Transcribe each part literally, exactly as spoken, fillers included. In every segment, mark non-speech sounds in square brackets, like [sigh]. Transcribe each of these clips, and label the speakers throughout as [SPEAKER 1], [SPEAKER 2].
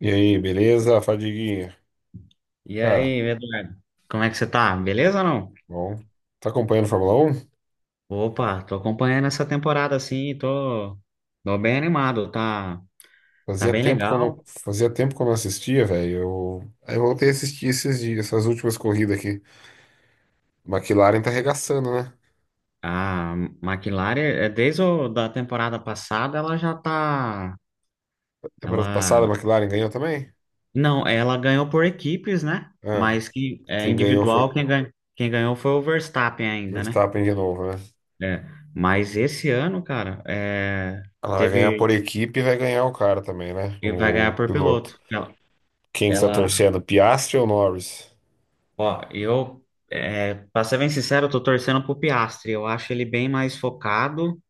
[SPEAKER 1] E aí, beleza, Fadiguinha?
[SPEAKER 2] E
[SPEAKER 1] Cara,
[SPEAKER 2] aí, Eduardo? Como é que você tá? Beleza ou não?
[SPEAKER 1] bom. Tá acompanhando Fórmula um.
[SPEAKER 2] Opa, tô acompanhando essa temporada assim, tô, tô bem animado, tá, tá
[SPEAKER 1] Fazia
[SPEAKER 2] bem
[SPEAKER 1] tempo que eu não,
[SPEAKER 2] legal.
[SPEAKER 1] fazia tempo que eu não assistia, velho. Eu, aí eu voltei a assistir esses dias, essas últimas corridas aqui. McLaren tá arregaçando, né?
[SPEAKER 2] A McLaren, é, desde o, da temporada passada, ela já tá,
[SPEAKER 1] Temporada passada,
[SPEAKER 2] ela,
[SPEAKER 1] a McLaren ganhou também?
[SPEAKER 2] não, ela ganhou por equipes, né?
[SPEAKER 1] Ah,
[SPEAKER 2] Mas que é
[SPEAKER 1] quem ganhou
[SPEAKER 2] individual,
[SPEAKER 1] foi
[SPEAKER 2] quem ganhou, quem ganhou foi o Verstappen ainda, né?
[SPEAKER 1] Verstappen de novo, né?
[SPEAKER 2] É, mas esse ano, cara, é,
[SPEAKER 1] Ela vai ganhar
[SPEAKER 2] teve,
[SPEAKER 1] por equipe e vai ganhar o cara também, né?
[SPEAKER 2] e vai
[SPEAKER 1] O
[SPEAKER 2] ganhar por
[SPEAKER 1] piloto.
[SPEAKER 2] piloto. Ela,
[SPEAKER 1] Quem que está
[SPEAKER 2] ela
[SPEAKER 1] torcendo? Piastri ou Norris?
[SPEAKER 2] Ó, eu, é, pra ser bem sincero, eu tô torcendo pro Piastri. Eu acho ele bem mais focado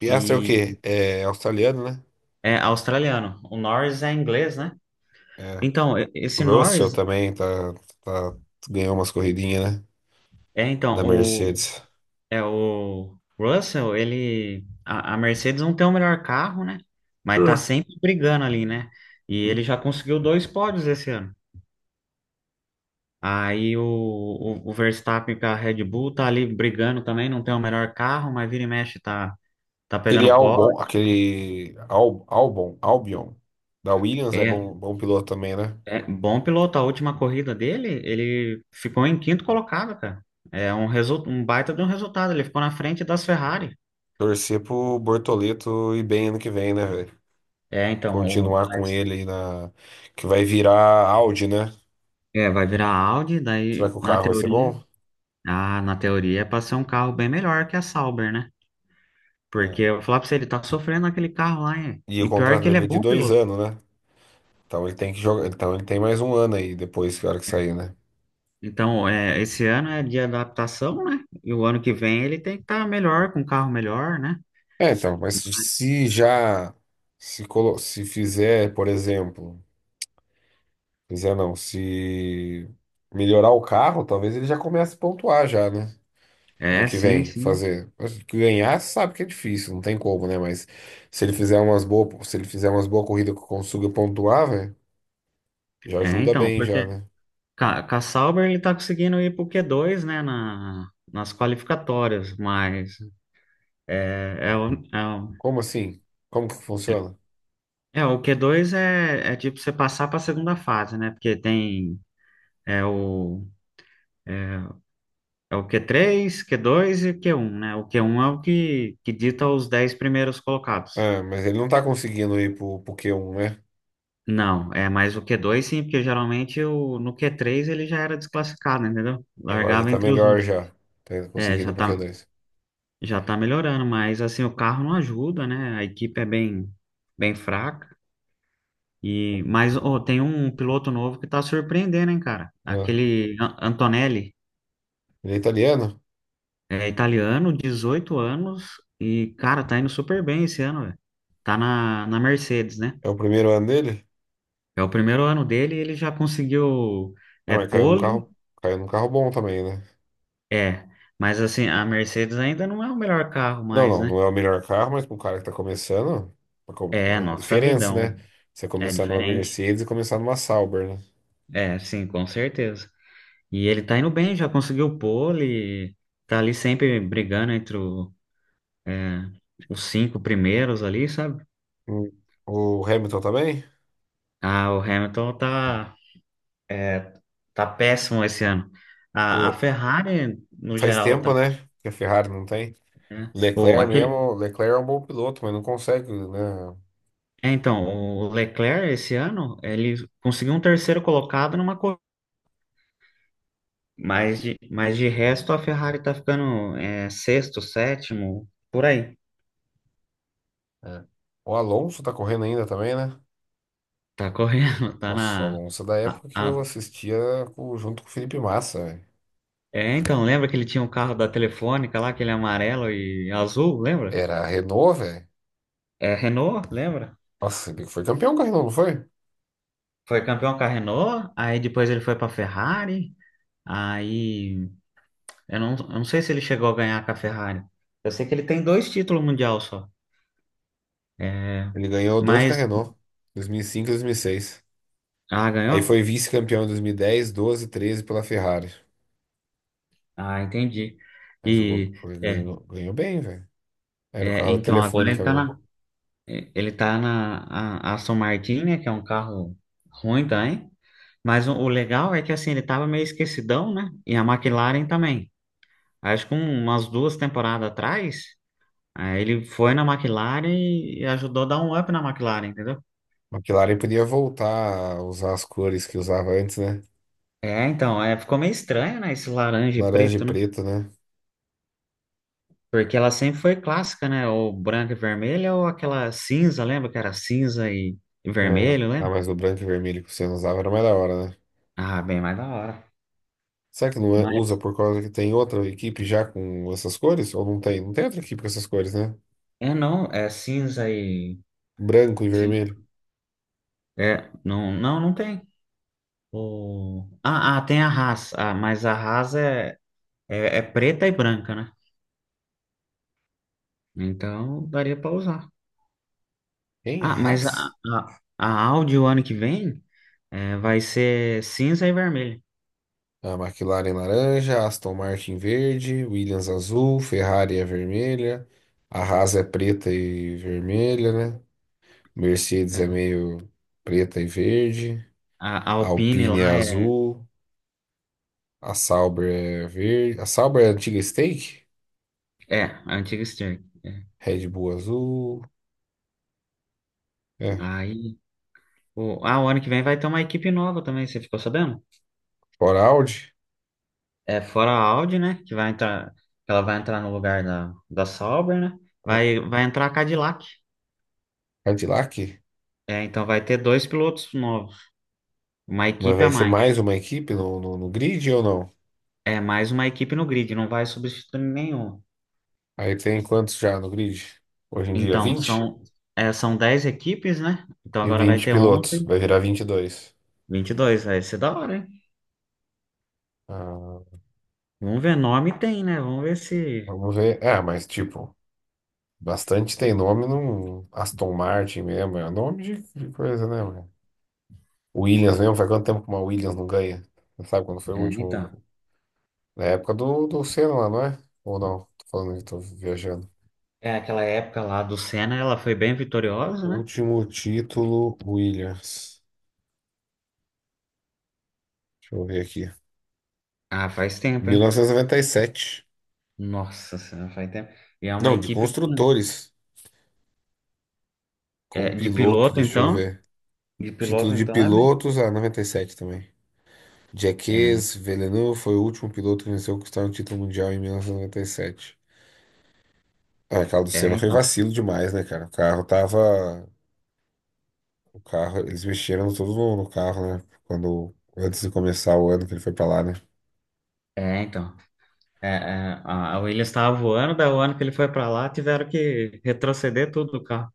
[SPEAKER 1] Piastri é o
[SPEAKER 2] e
[SPEAKER 1] quê? É australiano, né?
[SPEAKER 2] é australiano. O Norris é inglês, né?
[SPEAKER 1] É.
[SPEAKER 2] Então, e- esse
[SPEAKER 1] Russell
[SPEAKER 2] Norris,
[SPEAKER 1] também tá, tá- ganhou umas corridinhas, né?
[SPEAKER 2] é então,
[SPEAKER 1] Da
[SPEAKER 2] o,
[SPEAKER 1] Mercedes.
[SPEAKER 2] é o Russell, ele, a, a Mercedes não tem o melhor carro, né? Mas tá
[SPEAKER 1] Hum.
[SPEAKER 2] sempre brigando ali, né? E ele já conseguiu dois pódios esse ano. Aí o, o, o Verstappen com a Red Bull tá ali brigando também, não tem o melhor carro, mas vira e mexe tá, tá
[SPEAKER 1] Aquele
[SPEAKER 2] pegando pódio.
[SPEAKER 1] Albon, aquele Al, Albon, Albion, da Williams é
[SPEAKER 2] é
[SPEAKER 1] bom, bom piloto também, né?
[SPEAKER 2] É bom piloto. A última corrida dele, ele ficou em quinto colocado, cara. É um, resu... um baita de um resultado. Ele ficou na frente das Ferrari.
[SPEAKER 1] Torcer pro Bortoleto ir bem ano que vem, né, velho?
[SPEAKER 2] É, então, o...
[SPEAKER 1] Continuar com ele aí na. Que vai virar Audi, né?
[SPEAKER 2] é, vai virar Audi,
[SPEAKER 1] Será
[SPEAKER 2] daí
[SPEAKER 1] que o
[SPEAKER 2] na
[SPEAKER 1] carro vai ser
[SPEAKER 2] teoria,
[SPEAKER 1] bom?
[SPEAKER 2] ah, na teoria é para ser um carro bem melhor que a Sauber, né? Porque
[SPEAKER 1] É.
[SPEAKER 2] eu vou falar pra você, ele tá sofrendo aquele carro lá, hein?
[SPEAKER 1] E o
[SPEAKER 2] E pior
[SPEAKER 1] contrato
[SPEAKER 2] que ele é
[SPEAKER 1] dele é de
[SPEAKER 2] bom
[SPEAKER 1] dois
[SPEAKER 2] piloto.
[SPEAKER 1] anos, né? Então ele tem que jogar. Então ele tem mais um ano aí depois que a hora que sair, né?
[SPEAKER 2] Então, é, esse ano é de adaptação, né? E o ano que vem ele tem que estar melhor, com um carro melhor, né?
[SPEAKER 1] É, então, mas se já se, colo- se fizer, por exemplo, fizer não, se melhorar o carro, talvez ele já comece a pontuar já, né? Ano
[SPEAKER 2] É,
[SPEAKER 1] que
[SPEAKER 2] sim,
[SPEAKER 1] vem,
[SPEAKER 2] sim.
[SPEAKER 1] fazer. Mas ganhar, sabe que é difícil, não tem como, né? Mas se ele fizer umas boas, se ele fizer umas boas corridas que consiga pontuar, velho, já
[SPEAKER 2] É,
[SPEAKER 1] ajuda
[SPEAKER 2] então,
[SPEAKER 1] bem
[SPEAKER 2] porque
[SPEAKER 1] já, né?
[SPEAKER 2] Ca Ca- Sauber ele tá conseguindo ir pro Q dois, né, na, nas qualificatórias, mas é, é, o, é, o,
[SPEAKER 1] Como assim? Como que funciona?
[SPEAKER 2] é, o Q dois é, é tipo você passar para a segunda fase, né, porque tem é o, é é o Q três, Q dois e Q um, né, o Q um é o que, que dita os dez primeiros colocados.
[SPEAKER 1] Ah, mas ele não tá conseguindo ir pro, pro q um, né?
[SPEAKER 2] Não, é mais o Q dois sim, porque geralmente o, no Q três ele já era desclassificado, entendeu?
[SPEAKER 1] Agora já
[SPEAKER 2] Largava
[SPEAKER 1] tá
[SPEAKER 2] entre os
[SPEAKER 1] melhor
[SPEAKER 2] últimos.
[SPEAKER 1] já. Tá
[SPEAKER 2] É,
[SPEAKER 1] conseguindo
[SPEAKER 2] já
[SPEAKER 1] ir pro q
[SPEAKER 2] tá,
[SPEAKER 1] dois
[SPEAKER 2] Já tá melhorando, mas assim, o carro não ajuda, né? A equipe é bem, bem fraca. E, mas ó, tem um piloto novo que tá surpreendendo, hein, cara?
[SPEAKER 1] Ah,
[SPEAKER 2] Aquele An- Antonelli,
[SPEAKER 1] ele é italiano?
[SPEAKER 2] é italiano, dezoito anos, e, cara, tá indo super bem esse ano, velho. Tá na, na Mercedes, né?
[SPEAKER 1] É o primeiro ano dele?
[SPEAKER 2] É o primeiro ano dele e ele já conseguiu
[SPEAKER 1] Ah,
[SPEAKER 2] é,
[SPEAKER 1] mas caiu num
[SPEAKER 2] pole,
[SPEAKER 1] carro, caiu num carro bom também, né?
[SPEAKER 2] é. Mas assim, a Mercedes ainda não é o melhor carro
[SPEAKER 1] Não,
[SPEAKER 2] mais,
[SPEAKER 1] não,
[SPEAKER 2] né?
[SPEAKER 1] não é o melhor carro, mas para um cara que está começando, a co-
[SPEAKER 2] É,
[SPEAKER 1] a
[SPEAKER 2] nossa vida, é
[SPEAKER 1] diferença, né?
[SPEAKER 2] um-
[SPEAKER 1] Você
[SPEAKER 2] é
[SPEAKER 1] começar numa
[SPEAKER 2] diferente.
[SPEAKER 1] Mercedes e começar numa Sauber, né?
[SPEAKER 2] É, sim, com certeza. E ele tá indo bem, já conseguiu pole, tá ali sempre brigando entre o, é, os cinco primeiros ali, sabe?
[SPEAKER 1] Hum. O Hamilton também?
[SPEAKER 2] Ah, o Hamilton tá, é, tá péssimo esse ano. A, a
[SPEAKER 1] O-
[SPEAKER 2] Ferrari, no
[SPEAKER 1] Faz
[SPEAKER 2] geral, tá.
[SPEAKER 1] tempo, né? Que a Ferrari não tem.
[SPEAKER 2] né? O,
[SPEAKER 1] Leclerc
[SPEAKER 2] aquele,
[SPEAKER 1] mesmo, Leclerc é um bom piloto, mas não consegue, né?
[SPEAKER 2] é, então, o Leclerc, esse ano, ele conseguiu um terceiro colocado numa corrida. Mas de, mas de resto, a Ferrari tá ficando é, sexto, sétimo, por aí.
[SPEAKER 1] É. O Alonso tá correndo ainda também, né?
[SPEAKER 2] Tá correndo, [laughs] tá
[SPEAKER 1] Nossa, o
[SPEAKER 2] na.
[SPEAKER 1] Alonso é da
[SPEAKER 2] a-
[SPEAKER 1] época que eu
[SPEAKER 2] a-
[SPEAKER 1] assistia com- junto com o Felipe Massa, velho.
[SPEAKER 2] É, então, lembra que ele tinha um carro da Telefônica lá, aquele amarelo e azul, lembra?
[SPEAKER 1] Era a Renault, velho.
[SPEAKER 2] É, Renault, lembra?
[SPEAKER 1] Nossa, ele foi campeão com a Renault, não foi?
[SPEAKER 2] Foi campeão com a Renault, aí depois ele foi pra Ferrari, aí eu não, eu não sei se ele chegou a ganhar com a Ferrari. Eu sei que ele tem dois títulos mundial só. É,
[SPEAKER 1] Ele ganhou dois com a
[SPEAKER 2] mas,
[SPEAKER 1] Renault, dois mil e cinco e dois mil e seis.
[SPEAKER 2] ah,
[SPEAKER 1] Aí
[SPEAKER 2] ganhou?
[SPEAKER 1] foi vice-campeão em dois mil e dez, dois mil e doze e treze pela Ferrari.
[SPEAKER 2] Ah, entendi.
[SPEAKER 1] Aí jogou,
[SPEAKER 2] E,
[SPEAKER 1] foi-
[SPEAKER 2] é,
[SPEAKER 1] ganhou, ganhou bem, velho. Era o
[SPEAKER 2] é,
[SPEAKER 1] carro da
[SPEAKER 2] então, agora ele
[SPEAKER 1] Telefônica
[SPEAKER 2] tá
[SPEAKER 1] mesmo.
[SPEAKER 2] na, ele tá na a- Aston Martin, né, que é um carro ruim também. Mas o, o legal é que assim, ele estava meio esquecidão, né? E a McLaren também. Acho que um- umas duas temporadas atrás, aí ele foi na McLaren e, e ajudou a dar um up na McLaren, entendeu?
[SPEAKER 1] A McLaren podia voltar a usar as cores que usava antes, né?
[SPEAKER 2] É, então, é, ficou meio estranho, né? Esse laranja e
[SPEAKER 1] Laranja e
[SPEAKER 2] preto, né?
[SPEAKER 1] preto, né?
[SPEAKER 2] Porque ela sempre foi clássica, né? Ou branca e vermelha, ou aquela cinza, lembra que era cinza e, e
[SPEAKER 1] É.
[SPEAKER 2] vermelho,
[SPEAKER 1] Ah,
[SPEAKER 2] lembra?
[SPEAKER 1] mas o branco e vermelho que você não usava era mais da hora, né?
[SPEAKER 2] Ah, bem mais da hora.
[SPEAKER 1] Será que não é- usa
[SPEAKER 2] Mas,
[SPEAKER 1] por causa que tem outra equipe já com essas cores? Ou não tem? Não tem outra equipe com essas cores, né?
[SPEAKER 2] é não, é cinza e.
[SPEAKER 1] Branco e
[SPEAKER 2] cin-
[SPEAKER 1] vermelho.
[SPEAKER 2] É, não, não, não tem. O... Ah, ah, tem a Haas, ah, mas a Haas é, é, é preta e branca, né? Então daria para usar.
[SPEAKER 1] Hein?
[SPEAKER 2] Ah, mas a,
[SPEAKER 1] Haas?
[SPEAKER 2] a, a Audi o ano que vem é, vai ser cinza e vermelho.
[SPEAKER 1] A McLaren laranja, Aston Martin verde, Williams azul, Ferrari é vermelha, a Haas é preta e vermelha, né? Mercedes é
[SPEAKER 2] É.
[SPEAKER 1] meio preta e verde,
[SPEAKER 2] A, a
[SPEAKER 1] a
[SPEAKER 2] Alpine
[SPEAKER 1] Alpine é
[SPEAKER 2] lá é,
[SPEAKER 1] azul, a Sauber é verde, a Sauber é a antiga Stake,
[SPEAKER 2] é a antiga Stern. É.
[SPEAKER 1] Red Bull azul, é,
[SPEAKER 2] Aí, o, ah, o ano que vem vai ter uma equipe nova também, você ficou sabendo?
[SPEAKER 1] fora Audi,
[SPEAKER 2] É fora a Audi, né? Que vai entrar, que ela vai entrar no lugar da, da Sauber, né? Vai, vai entrar a Cadillac.
[SPEAKER 1] Cadillac,
[SPEAKER 2] É, então vai ter dois pilotos novos, uma
[SPEAKER 1] mas
[SPEAKER 2] equipe
[SPEAKER 1] vai
[SPEAKER 2] a
[SPEAKER 1] ser
[SPEAKER 2] mais.
[SPEAKER 1] mais uma equipe no, no, no grid ou não?
[SPEAKER 2] É mais uma equipe no grid, não vai substituir nenhum.
[SPEAKER 1] Aí tem quantos já no grid? Hoje em dia,
[SPEAKER 2] Então,
[SPEAKER 1] vinte.
[SPEAKER 2] são, é, são dez equipes, né? Então
[SPEAKER 1] E
[SPEAKER 2] agora vai
[SPEAKER 1] vinte
[SPEAKER 2] ter
[SPEAKER 1] pilotos,
[SPEAKER 2] onze,
[SPEAKER 1] vai virar vinte e dois.
[SPEAKER 2] vinte e dois. Vai ser da hora, hein?
[SPEAKER 1] Ah.
[SPEAKER 2] Vamos ver, nome tem, né? Vamos ver se.
[SPEAKER 1] Vamos ver. É, mas tipo, bastante tem nome no Aston Martin mesmo. É nome de, de coisa, né, mano? Williams mesmo, faz quanto tempo que uma Williams não ganha? Você sabe quando foi o
[SPEAKER 2] É,
[SPEAKER 1] último?
[SPEAKER 2] então.
[SPEAKER 1] Na época do, do Senna lá, não é? Ou não? Tô falando que tô viajando.
[SPEAKER 2] É aquela época lá do Senna, ela foi bem vitoriosa, né?
[SPEAKER 1] Último título, Williams. Deixa eu ver aqui.
[SPEAKER 2] Ah, faz tempo, hein?
[SPEAKER 1] mil novecentos e noventa e sete.
[SPEAKER 2] Nossa Senhora, faz tempo. E é uma
[SPEAKER 1] Não, de
[SPEAKER 2] equipe com-
[SPEAKER 1] construtores. Com
[SPEAKER 2] é, de
[SPEAKER 1] piloto,
[SPEAKER 2] piloto,
[SPEAKER 1] deixa eu
[SPEAKER 2] então.
[SPEAKER 1] ver.
[SPEAKER 2] De
[SPEAKER 1] Título
[SPEAKER 2] piloto,
[SPEAKER 1] de
[SPEAKER 2] então, é mesmo.
[SPEAKER 1] pilotos, ah, noventa e sete também.
[SPEAKER 2] É,
[SPEAKER 1] Jacques Villeneuve foi o último piloto que venceu conquistar um título mundial em mil novecentos e e noventa e sete. Ah, aquela do
[SPEAKER 2] é,
[SPEAKER 1] Senna foi
[SPEAKER 2] então.
[SPEAKER 1] vacilo demais, né, cara? O carro tava. O carro, eles mexeram tudo no, no carro, né? Quando, antes de começar o ano que ele foi pra lá, né?
[SPEAKER 2] É, então. É, é, a a Williams estava voando, daí o ano que ele foi para lá, tiveram que retroceder tudo do carro.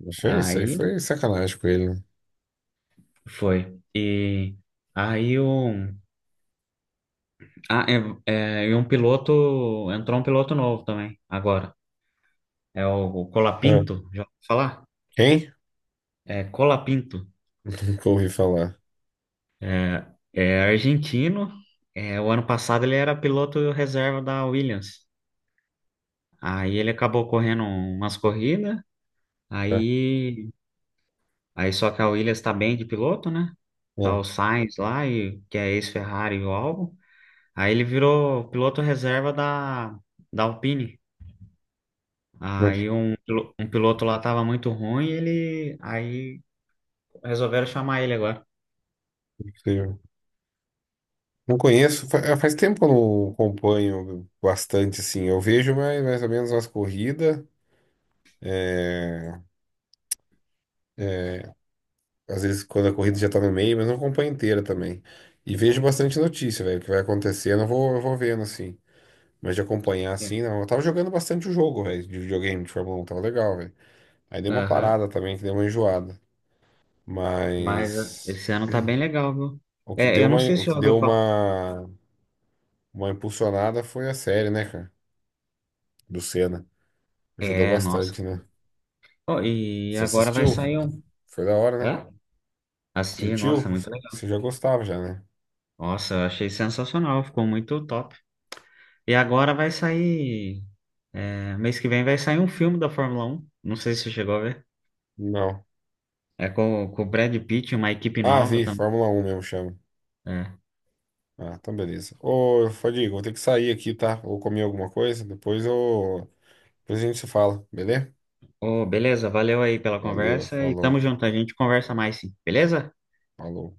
[SPEAKER 1] Mas foi isso aí,
[SPEAKER 2] Aí
[SPEAKER 1] foi sacanagem com ele, né?
[SPEAKER 2] foi. E aí um, ah, é, é, e um piloto, entrou um piloto novo também, agora. É o, o
[SPEAKER 1] Ah,
[SPEAKER 2] Colapinto, já ouviu falar?
[SPEAKER 1] quem?
[SPEAKER 2] É Colapinto.
[SPEAKER 1] [laughs] Nunca ouvi falar.
[SPEAKER 2] É, é argentino. É, o ano passado ele era piloto reserva da Williams. Aí ele acabou correndo umas corridas.
[SPEAKER 1] Ah,
[SPEAKER 2] Aí, aí só que a Williams tá bem de piloto, né? Tá
[SPEAKER 1] ah,
[SPEAKER 2] o Sainz lá, e, que é ex-Ferrari e o Albon. Aí ele virou piloto reserva da, da Alpine.
[SPEAKER 1] não,
[SPEAKER 2] Aí um, pilo- um piloto lá tava muito ruim, ele aí resolveram chamar ele agora.
[SPEAKER 1] sei, sei. Não conheço, fa- é, faz tempo que eu não acompanho bastante, assim. Eu vejo mais, mais ou menos as corridas. é, Às vezes quando a corrida já tá no meio, mas não acompanho inteira também. E vejo bastante notícia, velho, o que vai acontecer, eu não vou, eu vou vendo assim. Mas de acompanhar
[SPEAKER 2] É.
[SPEAKER 1] assim, não. Eu tava jogando bastante o jogo, velho, de videogame, de Fórmula um, tava legal, velho. Aí deu uma
[SPEAKER 2] Aham.
[SPEAKER 1] parada também, que deu uma enjoada.
[SPEAKER 2] Mas eh,
[SPEAKER 1] Mas
[SPEAKER 2] esse ano tá bem legal, viu?
[SPEAKER 1] o que
[SPEAKER 2] É,
[SPEAKER 1] deu
[SPEAKER 2] eu
[SPEAKER 1] uma,
[SPEAKER 2] não sei
[SPEAKER 1] o
[SPEAKER 2] se já
[SPEAKER 1] que
[SPEAKER 2] ouviu
[SPEAKER 1] deu
[SPEAKER 2] falar.
[SPEAKER 1] uma, uma impulsionada foi a série, né, cara? Do Senna. Ajudou
[SPEAKER 2] É, nossa.
[SPEAKER 1] bastante, né?
[SPEAKER 2] Ó, e
[SPEAKER 1] Você
[SPEAKER 2] agora vai
[SPEAKER 1] assistiu?
[SPEAKER 2] sair um.
[SPEAKER 1] Foi da hora, né?
[SPEAKER 2] Hã? Assisti, nossa,
[SPEAKER 1] Curtiu?
[SPEAKER 2] muito legal.
[SPEAKER 1] Você já gostava já, né?
[SPEAKER 2] Nossa, eu achei sensacional, ficou muito top. E agora vai sair. é, mês que vem vai sair um filme da Fórmula Um. Não sei se você chegou a ver.
[SPEAKER 1] Não.
[SPEAKER 2] É com, com o Brad Pitt, uma equipe
[SPEAKER 1] Ah,
[SPEAKER 2] nova
[SPEAKER 1] vi, Fórmula um mesmo chama.
[SPEAKER 2] também.
[SPEAKER 1] Ah, então beleza. Ô, Fadiga, vou ter que sair aqui, tá? Vou comer alguma coisa, depois eu... Depois a gente se fala, beleza?
[SPEAKER 2] Ô, beleza, valeu aí pela
[SPEAKER 1] Valeu,
[SPEAKER 2] conversa e
[SPEAKER 1] falou,
[SPEAKER 2] tamo junto, a gente conversa mais sim, beleza?
[SPEAKER 1] falou.